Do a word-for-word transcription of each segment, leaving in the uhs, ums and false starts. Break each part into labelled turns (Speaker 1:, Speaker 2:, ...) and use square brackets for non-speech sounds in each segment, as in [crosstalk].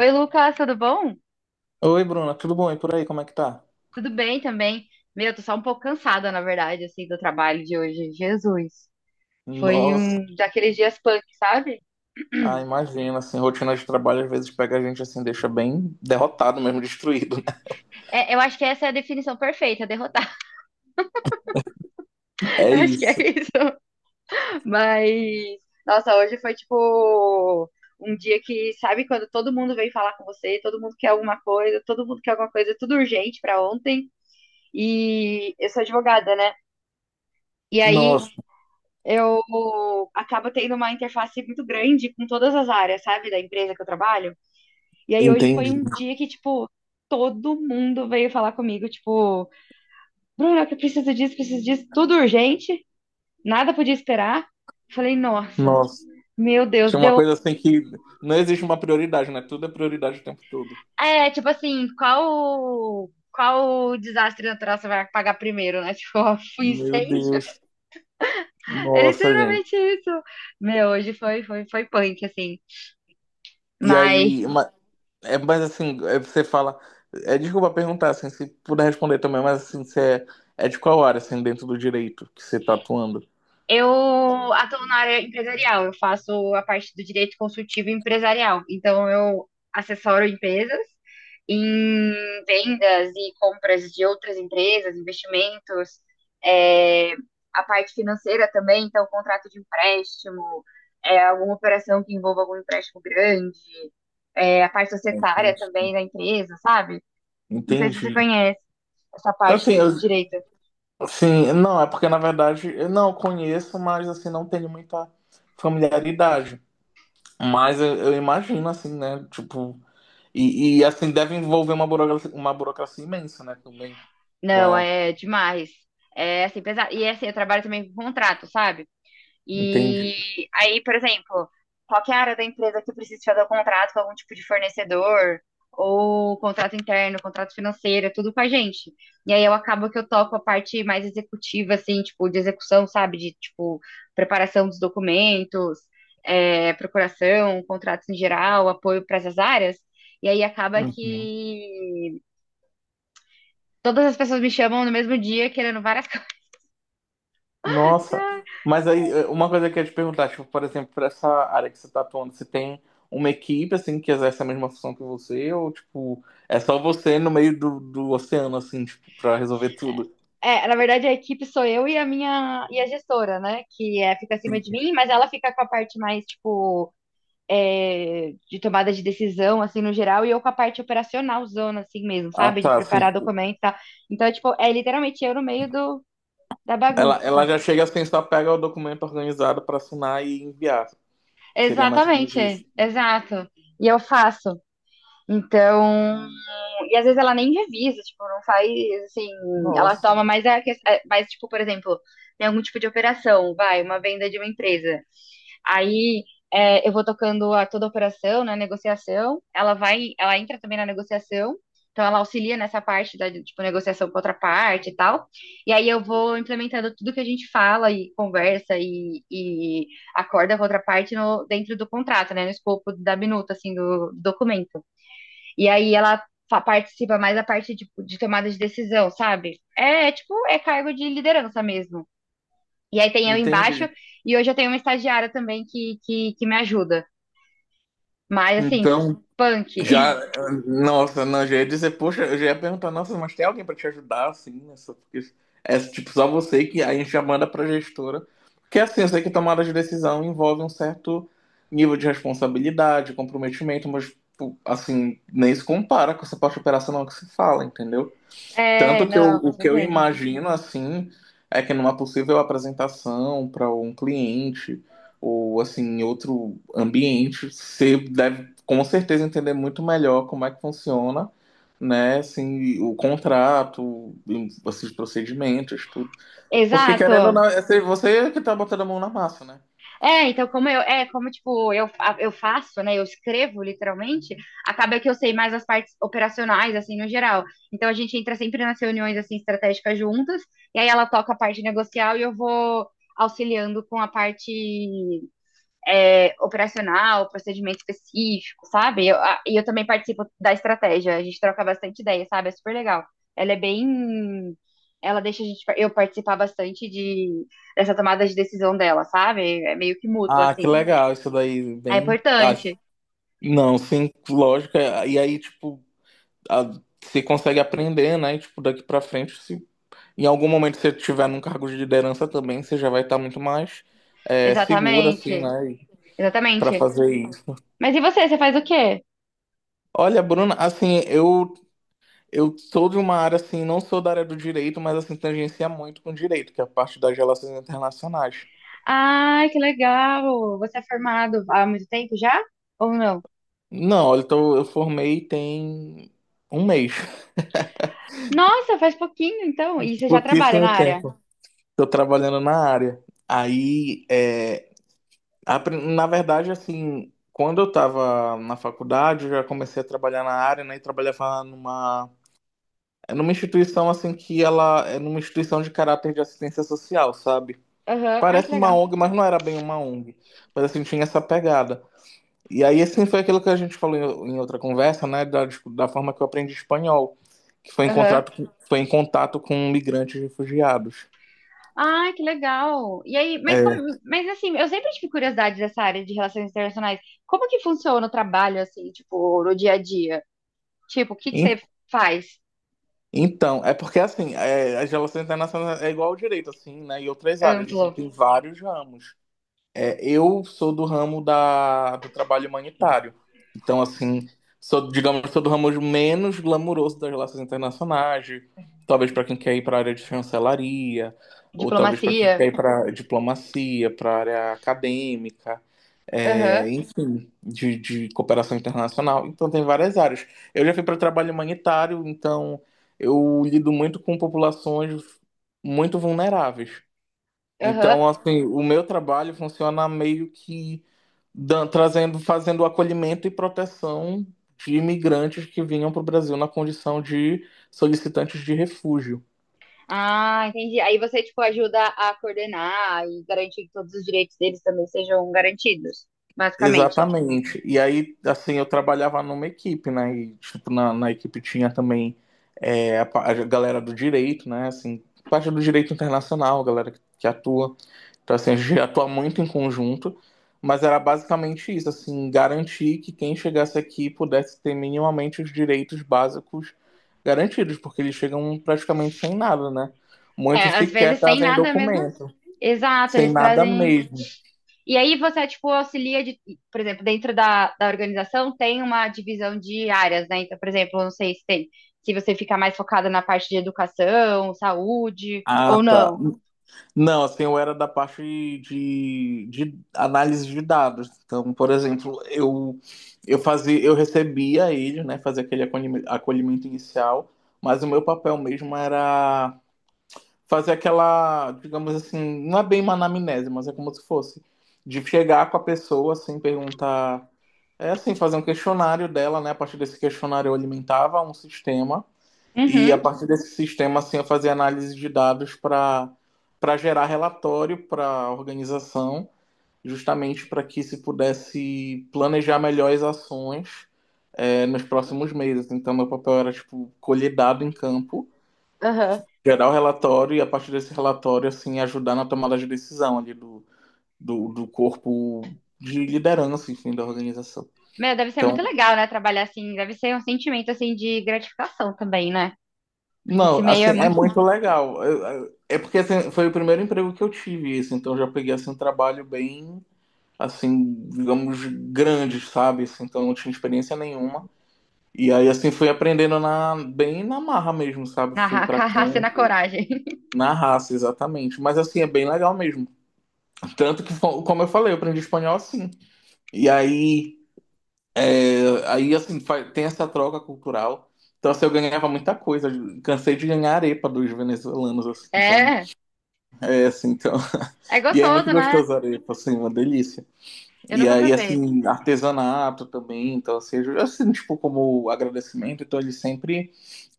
Speaker 1: Oi, Lucas, tudo bom?
Speaker 2: Oi, Bruna, tudo bom? E por aí, como é que tá?
Speaker 1: Tudo bem também. Meu, tô só um pouco cansada, na verdade, assim, do trabalho de hoje. Jesus. Foi
Speaker 2: Nossa,
Speaker 1: um daqueles dias punk, sabe?
Speaker 2: ah,
Speaker 1: [clears throat]
Speaker 2: imagina, assim, rotina de trabalho às vezes pega a gente assim, deixa bem derrotado mesmo, destruído, né?
Speaker 1: É, eu acho que essa é a definição perfeita, derrotar. [laughs]
Speaker 2: É
Speaker 1: Acho que é
Speaker 2: isso.
Speaker 1: isso. Mas, nossa, hoje foi tipo um dia que, sabe, quando todo mundo vem falar com você, todo mundo quer alguma coisa, todo mundo quer alguma coisa, tudo urgente pra ontem. E eu sou advogada, né? E aí
Speaker 2: Nossa,
Speaker 1: eu acabo tendo uma interface muito grande com todas as áreas, sabe, da empresa que eu trabalho. E aí hoje foi
Speaker 2: entendi.
Speaker 1: um dia que, tipo, todo mundo veio falar comigo, tipo, Bruna, eu preciso disso, preciso disso, tudo urgente, nada podia esperar. Falei, nossa,
Speaker 2: Nossa,
Speaker 1: meu Deus,
Speaker 2: tinha uma
Speaker 1: deu.
Speaker 2: coisa assim que não existe uma prioridade, né? Tudo é prioridade o tempo todo.
Speaker 1: É, tipo assim, qual. Qual desastre natural você vai pagar primeiro, né? [laughs] Tipo, ó, um
Speaker 2: Meu
Speaker 1: incêndio.
Speaker 2: Deus.
Speaker 1: É
Speaker 2: Nossa, gente.
Speaker 1: literalmente isso. Meu, hoje foi, foi, foi punk, assim.
Speaker 2: E
Speaker 1: Mas
Speaker 2: aí, ma- é, mas assim, é, você fala, é, desculpa perguntar, assim, se puder responder também, mas assim, você é, é de qual área, assim, dentro do direito que você tá atuando?
Speaker 1: eu atuo na área empresarial, eu faço a parte do direito consultivo empresarial. Então, eu assessoro empresas em vendas e compras de outras empresas, investimentos, é, a parte financeira também, então, contrato de empréstimo, é, alguma operação que envolva algum empréstimo grande, é, a parte societária
Speaker 2: Entendi.
Speaker 1: também da empresa, sabe? Não sei se você
Speaker 2: Entendi.
Speaker 1: conhece essa parte
Speaker 2: Assim,
Speaker 1: do do
Speaker 2: eu-
Speaker 1: direito.
Speaker 2: assim, não, é porque na verdade eu não conheço, mas assim, não tenho muita familiaridade. Mas eu, eu imagino, assim, né? Tipo, e, e, assim, deve envolver uma burocracia, uma burocracia imensa, né? Também.
Speaker 1: Não,
Speaker 2: Pra...
Speaker 1: é demais. É assim, pesado. E assim, eu trabalho também com contrato, sabe?
Speaker 2: Entendi.
Speaker 1: E aí, por exemplo, qualquer área da empresa que precise fazer o contrato com algum tipo de fornecedor, ou contrato interno, contrato financeiro, é tudo com a gente. E aí eu acabo que eu toco a parte mais executiva, assim, tipo, de execução, sabe? De, tipo, preparação dos documentos, é, procuração, contratos em geral, apoio para essas áreas. E aí acaba
Speaker 2: Uhum.
Speaker 1: que todas as pessoas me chamam no mesmo dia querendo várias [laughs] coisas.
Speaker 2: Nossa. Mas aí, eh, uma coisa que eu ia te perguntar, tipo, por exemplo, pra essa área que você tá atuando, você tem uma equipe, assim, que exerce a mesma função que você, ou, tipo, é só você no meio do, do oceano, assim, tipo, pra resolver tudo?
Speaker 1: É, na verdade, a equipe sou eu e a minha e a gestora, né? Que é, fica acima de mim, mas ela fica com a parte mais, tipo, é, de tomada de decisão, assim, no geral, e eu com a parte operacional zona, assim mesmo,
Speaker 2: Ah,
Speaker 1: sabe? De
Speaker 2: tá, assim.
Speaker 1: preparar documento e tal. Então, é, tipo, é literalmente eu no meio do, da
Speaker 2: Ela, ela
Speaker 1: bagunça.
Speaker 2: já chega assim, só pega o documento organizado para assinar e enviar. Seria mais ou menos
Speaker 1: Exatamente, é,
Speaker 2: isso.
Speaker 1: exato. E eu faço. Então, e às vezes ela nem revisa, tipo, não faz assim. Ela
Speaker 2: Nossa,
Speaker 1: toma mais a que- é, mais, tipo, por exemplo, tem algum tipo de operação, vai, uma venda de uma empresa. Aí é, eu vou tocando a toda a operação, né? Negociação. Ela vai, ela entra também na negociação. Então ela auxilia nessa parte da, tipo, negociação com outra parte e tal. E aí eu vou implementando tudo que a gente fala e conversa e, e acorda com outra parte no, dentro do contrato, né? No escopo da minuta, assim, do do documento. E aí ela fa- participa mais da parte de, de tomada de decisão, sabe? É, é tipo, é cargo de liderança mesmo. E aí tem eu embaixo,
Speaker 2: entendi.
Speaker 1: e hoje eu tenho uma estagiária também que, que, que me ajuda. Mas assim,
Speaker 2: Então,
Speaker 1: punk.
Speaker 2: já,
Speaker 1: [laughs]
Speaker 2: nossa, não, já ia dizer, poxa, eu já ia perguntar, nossa, mas tem alguém para te ajudar, assim, nessa, porque é tipo só você que a gente já manda para gestora. Porque assim, eu sei que tomada de decisão envolve um certo nível de responsabilidade, comprometimento, mas, tipo, assim, nem se compara com essa parte operacional que se fala, entendeu?
Speaker 1: É,
Speaker 2: Tanto que eu,
Speaker 1: não, com
Speaker 2: o que eu
Speaker 1: certeza.
Speaker 2: imagino, assim, é que numa possível apresentação para um cliente ou, assim, em outro ambiente, você deve, com certeza, entender muito melhor como é que funciona, né, assim, o contrato, esses procedimentos, tudo. Porque, querendo ou
Speaker 1: Exato.
Speaker 2: não, é você você que tá botando a mão na massa, né?
Speaker 1: É, então como eu, é, como tipo, eu, fa- eu faço, né, eu escrevo literalmente, acaba que eu sei mais as partes operacionais, assim, no geral. Então a gente entra sempre nas reuniões, assim, estratégicas juntas, e aí ela toca a parte negocial e eu vou auxiliando com a parte é, operacional, procedimento específico, sabe? E eu, a- e eu também participo da estratégia, a gente troca bastante ideia, sabe? É super legal. Ela é bem. Ela deixa a gente, par- eu participar bastante de, dessa tomada de decisão dela, sabe? É meio que mútuo,
Speaker 2: Ah, que
Speaker 1: assim.
Speaker 2: legal, isso daí,
Speaker 1: É
Speaker 2: bem... Ah,
Speaker 1: importante.
Speaker 2: não, sim, lógico, é- e aí, tipo... a- Você consegue aprender, né? E, tipo, daqui pra frente, se em algum momento, se você tiver num cargo de liderança também, você já vai estar muito mais é, segura, assim,
Speaker 1: Exatamente.
Speaker 2: né? Para
Speaker 1: Exatamente.
Speaker 2: fazer isso.
Speaker 1: Mas e você? Você faz o quê?
Speaker 2: Olha, Bruna, assim, eu eu sou de uma área, assim, não sou da área do direito, mas, assim, tangencia muito com direito, que é a parte das relações internacionais.
Speaker 1: Ai, que legal! Você é formado há muito tempo já? Ou não?
Speaker 2: Não, olha, então eu formei tem um mês,
Speaker 1: Nossa, faz pouquinho, então. E você já trabalha
Speaker 2: pouquíssimo
Speaker 1: na área?
Speaker 2: tempo. Estou trabalhando na área. Aí, é, apre- na verdade, assim, quando eu estava na faculdade, eu já comecei a trabalhar na área, né? E trabalhava numa é numa instituição assim que ela é numa instituição de caráter de assistência social, sabe?
Speaker 1: Aham. Ai, que
Speaker 2: Parece uma
Speaker 1: legal.
Speaker 2: O N E Gê, mas não era bem uma O N E Gê. Mas assim, tinha essa pegada. E aí, assim, foi aquilo que a gente falou em, em outra conversa, né? Da, da forma que eu aprendi espanhol, que foi em
Speaker 1: Aham.
Speaker 2: contrato, com- foi em contato com migrantes e refugiados.
Speaker 1: Ah, que legal. E aí, mas como,
Speaker 2: É.
Speaker 1: mas assim, eu sempre tive curiosidade dessa área de relações internacionais. Como que funciona o trabalho assim, tipo, no dia a dia? Tipo, o que que
Speaker 2: En-
Speaker 1: você faz?
Speaker 2: Então, é porque assim, é, as relações internacionais é igual ao direito, assim, né? E outras áreas, assim,
Speaker 1: Amplo,
Speaker 2: tem vários ramos. É, eu sou do ramo da, do trabalho humanitário. Então, assim, sou, digamos, sou do ramo menos glamouroso das relações internacionais, de- talvez para quem quer ir para a área de chancelaria, ou talvez para quem quer
Speaker 1: diplomacia.
Speaker 2: ir para diplomacia, para área acadêmica,
Speaker 1: Aham,
Speaker 2: é, enfim, de, de cooperação internacional. Então, tem várias áreas. Eu já fui para trabalho humanitário, então eu lido muito com populações muito vulneráveis.
Speaker 1: aham.
Speaker 2: Então, assim, o meu trabalho funciona meio que dan- trazendo, fazendo o acolhimento e proteção de imigrantes que vinham para o Brasil na condição de solicitantes de refúgio.
Speaker 1: Ah, entendi. Aí você tipo ajuda a coordenar e garantir que todos os direitos deles também sejam garantidos, basicamente.
Speaker 2: Exatamente. E aí, assim, eu trabalhava numa equipe, né? E, tipo, na, na equipe tinha também é, a, pa- a galera do direito, né? Assim, parte do direito internacional, galera que, que atua. Então, assim, a gente atua [laughs] muito em conjunto, mas era basicamente isso, assim, garantir que quem chegasse aqui pudesse ter minimamente os direitos básicos garantidos, porque eles chegam praticamente sem nada, né? Muitos
Speaker 1: É, às
Speaker 2: sequer
Speaker 1: vezes sem
Speaker 2: trazem
Speaker 1: nada mesmo.
Speaker 2: documento,
Speaker 1: Exato,
Speaker 2: sem
Speaker 1: eles
Speaker 2: nada
Speaker 1: trazem.
Speaker 2: mesmo.
Speaker 1: E aí você, tipo, auxilia de, por exemplo, dentro da, da organização tem uma divisão de áreas, né? Então, por exemplo, eu não sei se tem, se você fica mais focada na parte de educação, saúde
Speaker 2: Ah,
Speaker 1: ou
Speaker 2: tá.
Speaker 1: não.
Speaker 2: Não, assim, eu era da parte de, de análise de dados. Então, por exemplo, eu eu fazia, eu recebia eles, né, fazia aquele acolhime- acolhimento inicial, mas o meu papel mesmo era fazer aquela, digamos assim, não é bem uma anamnese, mas é como se fosse de chegar com a pessoa, assim, perguntar, é assim, fazer um questionário dela, né? A partir desse questionário eu alimentava um sistema e a
Speaker 1: Uhum,
Speaker 2: partir desse sistema, assim, eu fazia análise de dados para para gerar relatório para a organização, justamente para que se pudesse planejar melhor as ações é, nos próximos meses. Então, meu papel era tipo colher dado em campo,
Speaker 1: aham.
Speaker 2: gerar o relatório e a partir desse relatório, assim, ajudar na tomada de decisão ali do, do, do corpo de liderança, enfim, da organização.
Speaker 1: Meu, deve ser muito
Speaker 2: Então,
Speaker 1: legal, né? Trabalhar assim, deve ser um sentimento assim de gratificação também, né? Porque esse
Speaker 2: não,
Speaker 1: meio
Speaker 2: assim,
Speaker 1: é
Speaker 2: é
Speaker 1: muito
Speaker 2: muito legal. Eu- eu- É porque assim, foi o primeiro emprego que eu tive, isso, então eu já peguei assim um trabalho bem, assim, digamos, grande, sabe? Assim, então eu não tinha experiência nenhuma. E aí assim fui aprendendo na bem na marra mesmo, sabe?
Speaker 1: na
Speaker 2: Fui
Speaker 1: ra- [laughs]
Speaker 2: pra
Speaker 1: carraça e na
Speaker 2: campo,
Speaker 1: coragem. [laughs]
Speaker 2: na raça, exatamente. Mas assim é bem legal mesmo. Tanto que [laughs] como eu falei, eu aprendi espanhol assim. E aí, é, aí assim, fa- tem essa troca cultural. Então, assim, eu ganhava muita coisa. Cansei de ganhar arepa dos venezuelanos, assim. Então,
Speaker 1: É,
Speaker 2: é assim, então.
Speaker 1: é
Speaker 2: [laughs] E é muito
Speaker 1: gostoso, né?
Speaker 2: gostoso a arepa, assim, uma delícia.
Speaker 1: Eu
Speaker 2: E
Speaker 1: nunca
Speaker 2: aí,
Speaker 1: provei.
Speaker 2: assim, artesanato também. Então, assim, eu- assim, tipo, como agradecimento. Então, eles sempre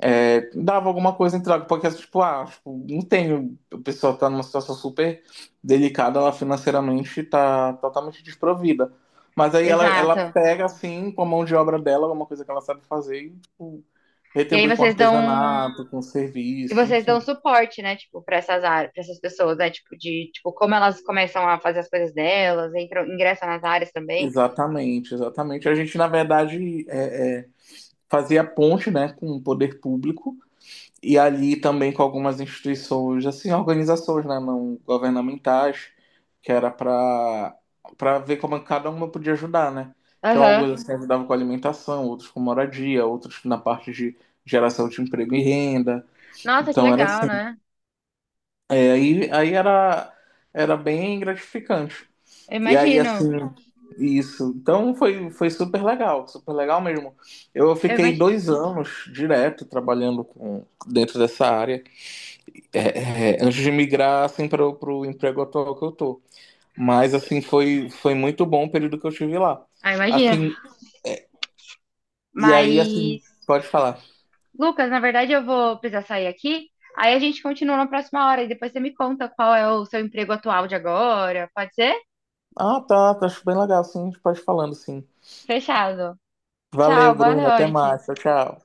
Speaker 2: é, dava alguma coisa em troca, porque, tipo, ah, tipo, não tem. O pessoal tá numa situação super delicada, ela financeiramente tá totalmente desprovida. Mas aí ela, ela
Speaker 1: Exato.
Speaker 2: pega, assim, com a mão de obra dela, alguma coisa que ela sabe fazer e, tipo,
Speaker 1: E aí
Speaker 2: retribui com
Speaker 1: vocês dão um.
Speaker 2: artesanato, com
Speaker 1: E
Speaker 2: serviço,
Speaker 1: vocês
Speaker 2: enfim.
Speaker 1: dão suporte, né, tipo, para essas áreas, para essas pessoas, né, tipo, de, tipo, como elas começam a fazer as coisas delas, entram, ingressam nas áreas também.
Speaker 2: Exatamente, exatamente. A gente, na verdade, é, é, fazia ponte, né, com o poder público e ali também com algumas instituições, assim, organizações, né, não governamentais, que era para para ver como cada uma podia ajudar, né? Então, alguns
Speaker 1: Aham.
Speaker 2: assim, ajudavam com alimentação, outros com moradia, outros na parte de geração de emprego e renda.
Speaker 1: Nossa, que
Speaker 2: Então, era
Speaker 1: legal,
Speaker 2: assim.
Speaker 1: né?
Speaker 2: É, aí, aí era, era bem gratificante.
Speaker 1: Eu
Speaker 2: E aí, assim,
Speaker 1: imagino.
Speaker 2: isso. Então, foi, foi super legal, super legal mesmo. Eu
Speaker 1: Eu
Speaker 2: fiquei
Speaker 1: imagino.
Speaker 2: dois anos direto trabalhando com, dentro dessa área. É, é, antes de migrar assim para o emprego atual que eu tô. Mas assim foi foi muito bom o período que eu tive lá.
Speaker 1: Ah, imagino.
Speaker 2: Assim, e aí assim,
Speaker 1: Mas,
Speaker 2: pode falar.
Speaker 1: Lucas, na verdade eu vou precisar sair aqui. Aí a gente continua na próxima hora e depois você me conta qual é o seu emprego atual de agora. Pode ser?
Speaker 2: Ah, tá, tá, acho bem legal, sim, a gente pode ir falando, sim.
Speaker 1: Fechado. Tchau,
Speaker 2: Valeu,
Speaker 1: boa
Speaker 2: Bruno, até
Speaker 1: noite.
Speaker 2: mais. Tchau, tchau.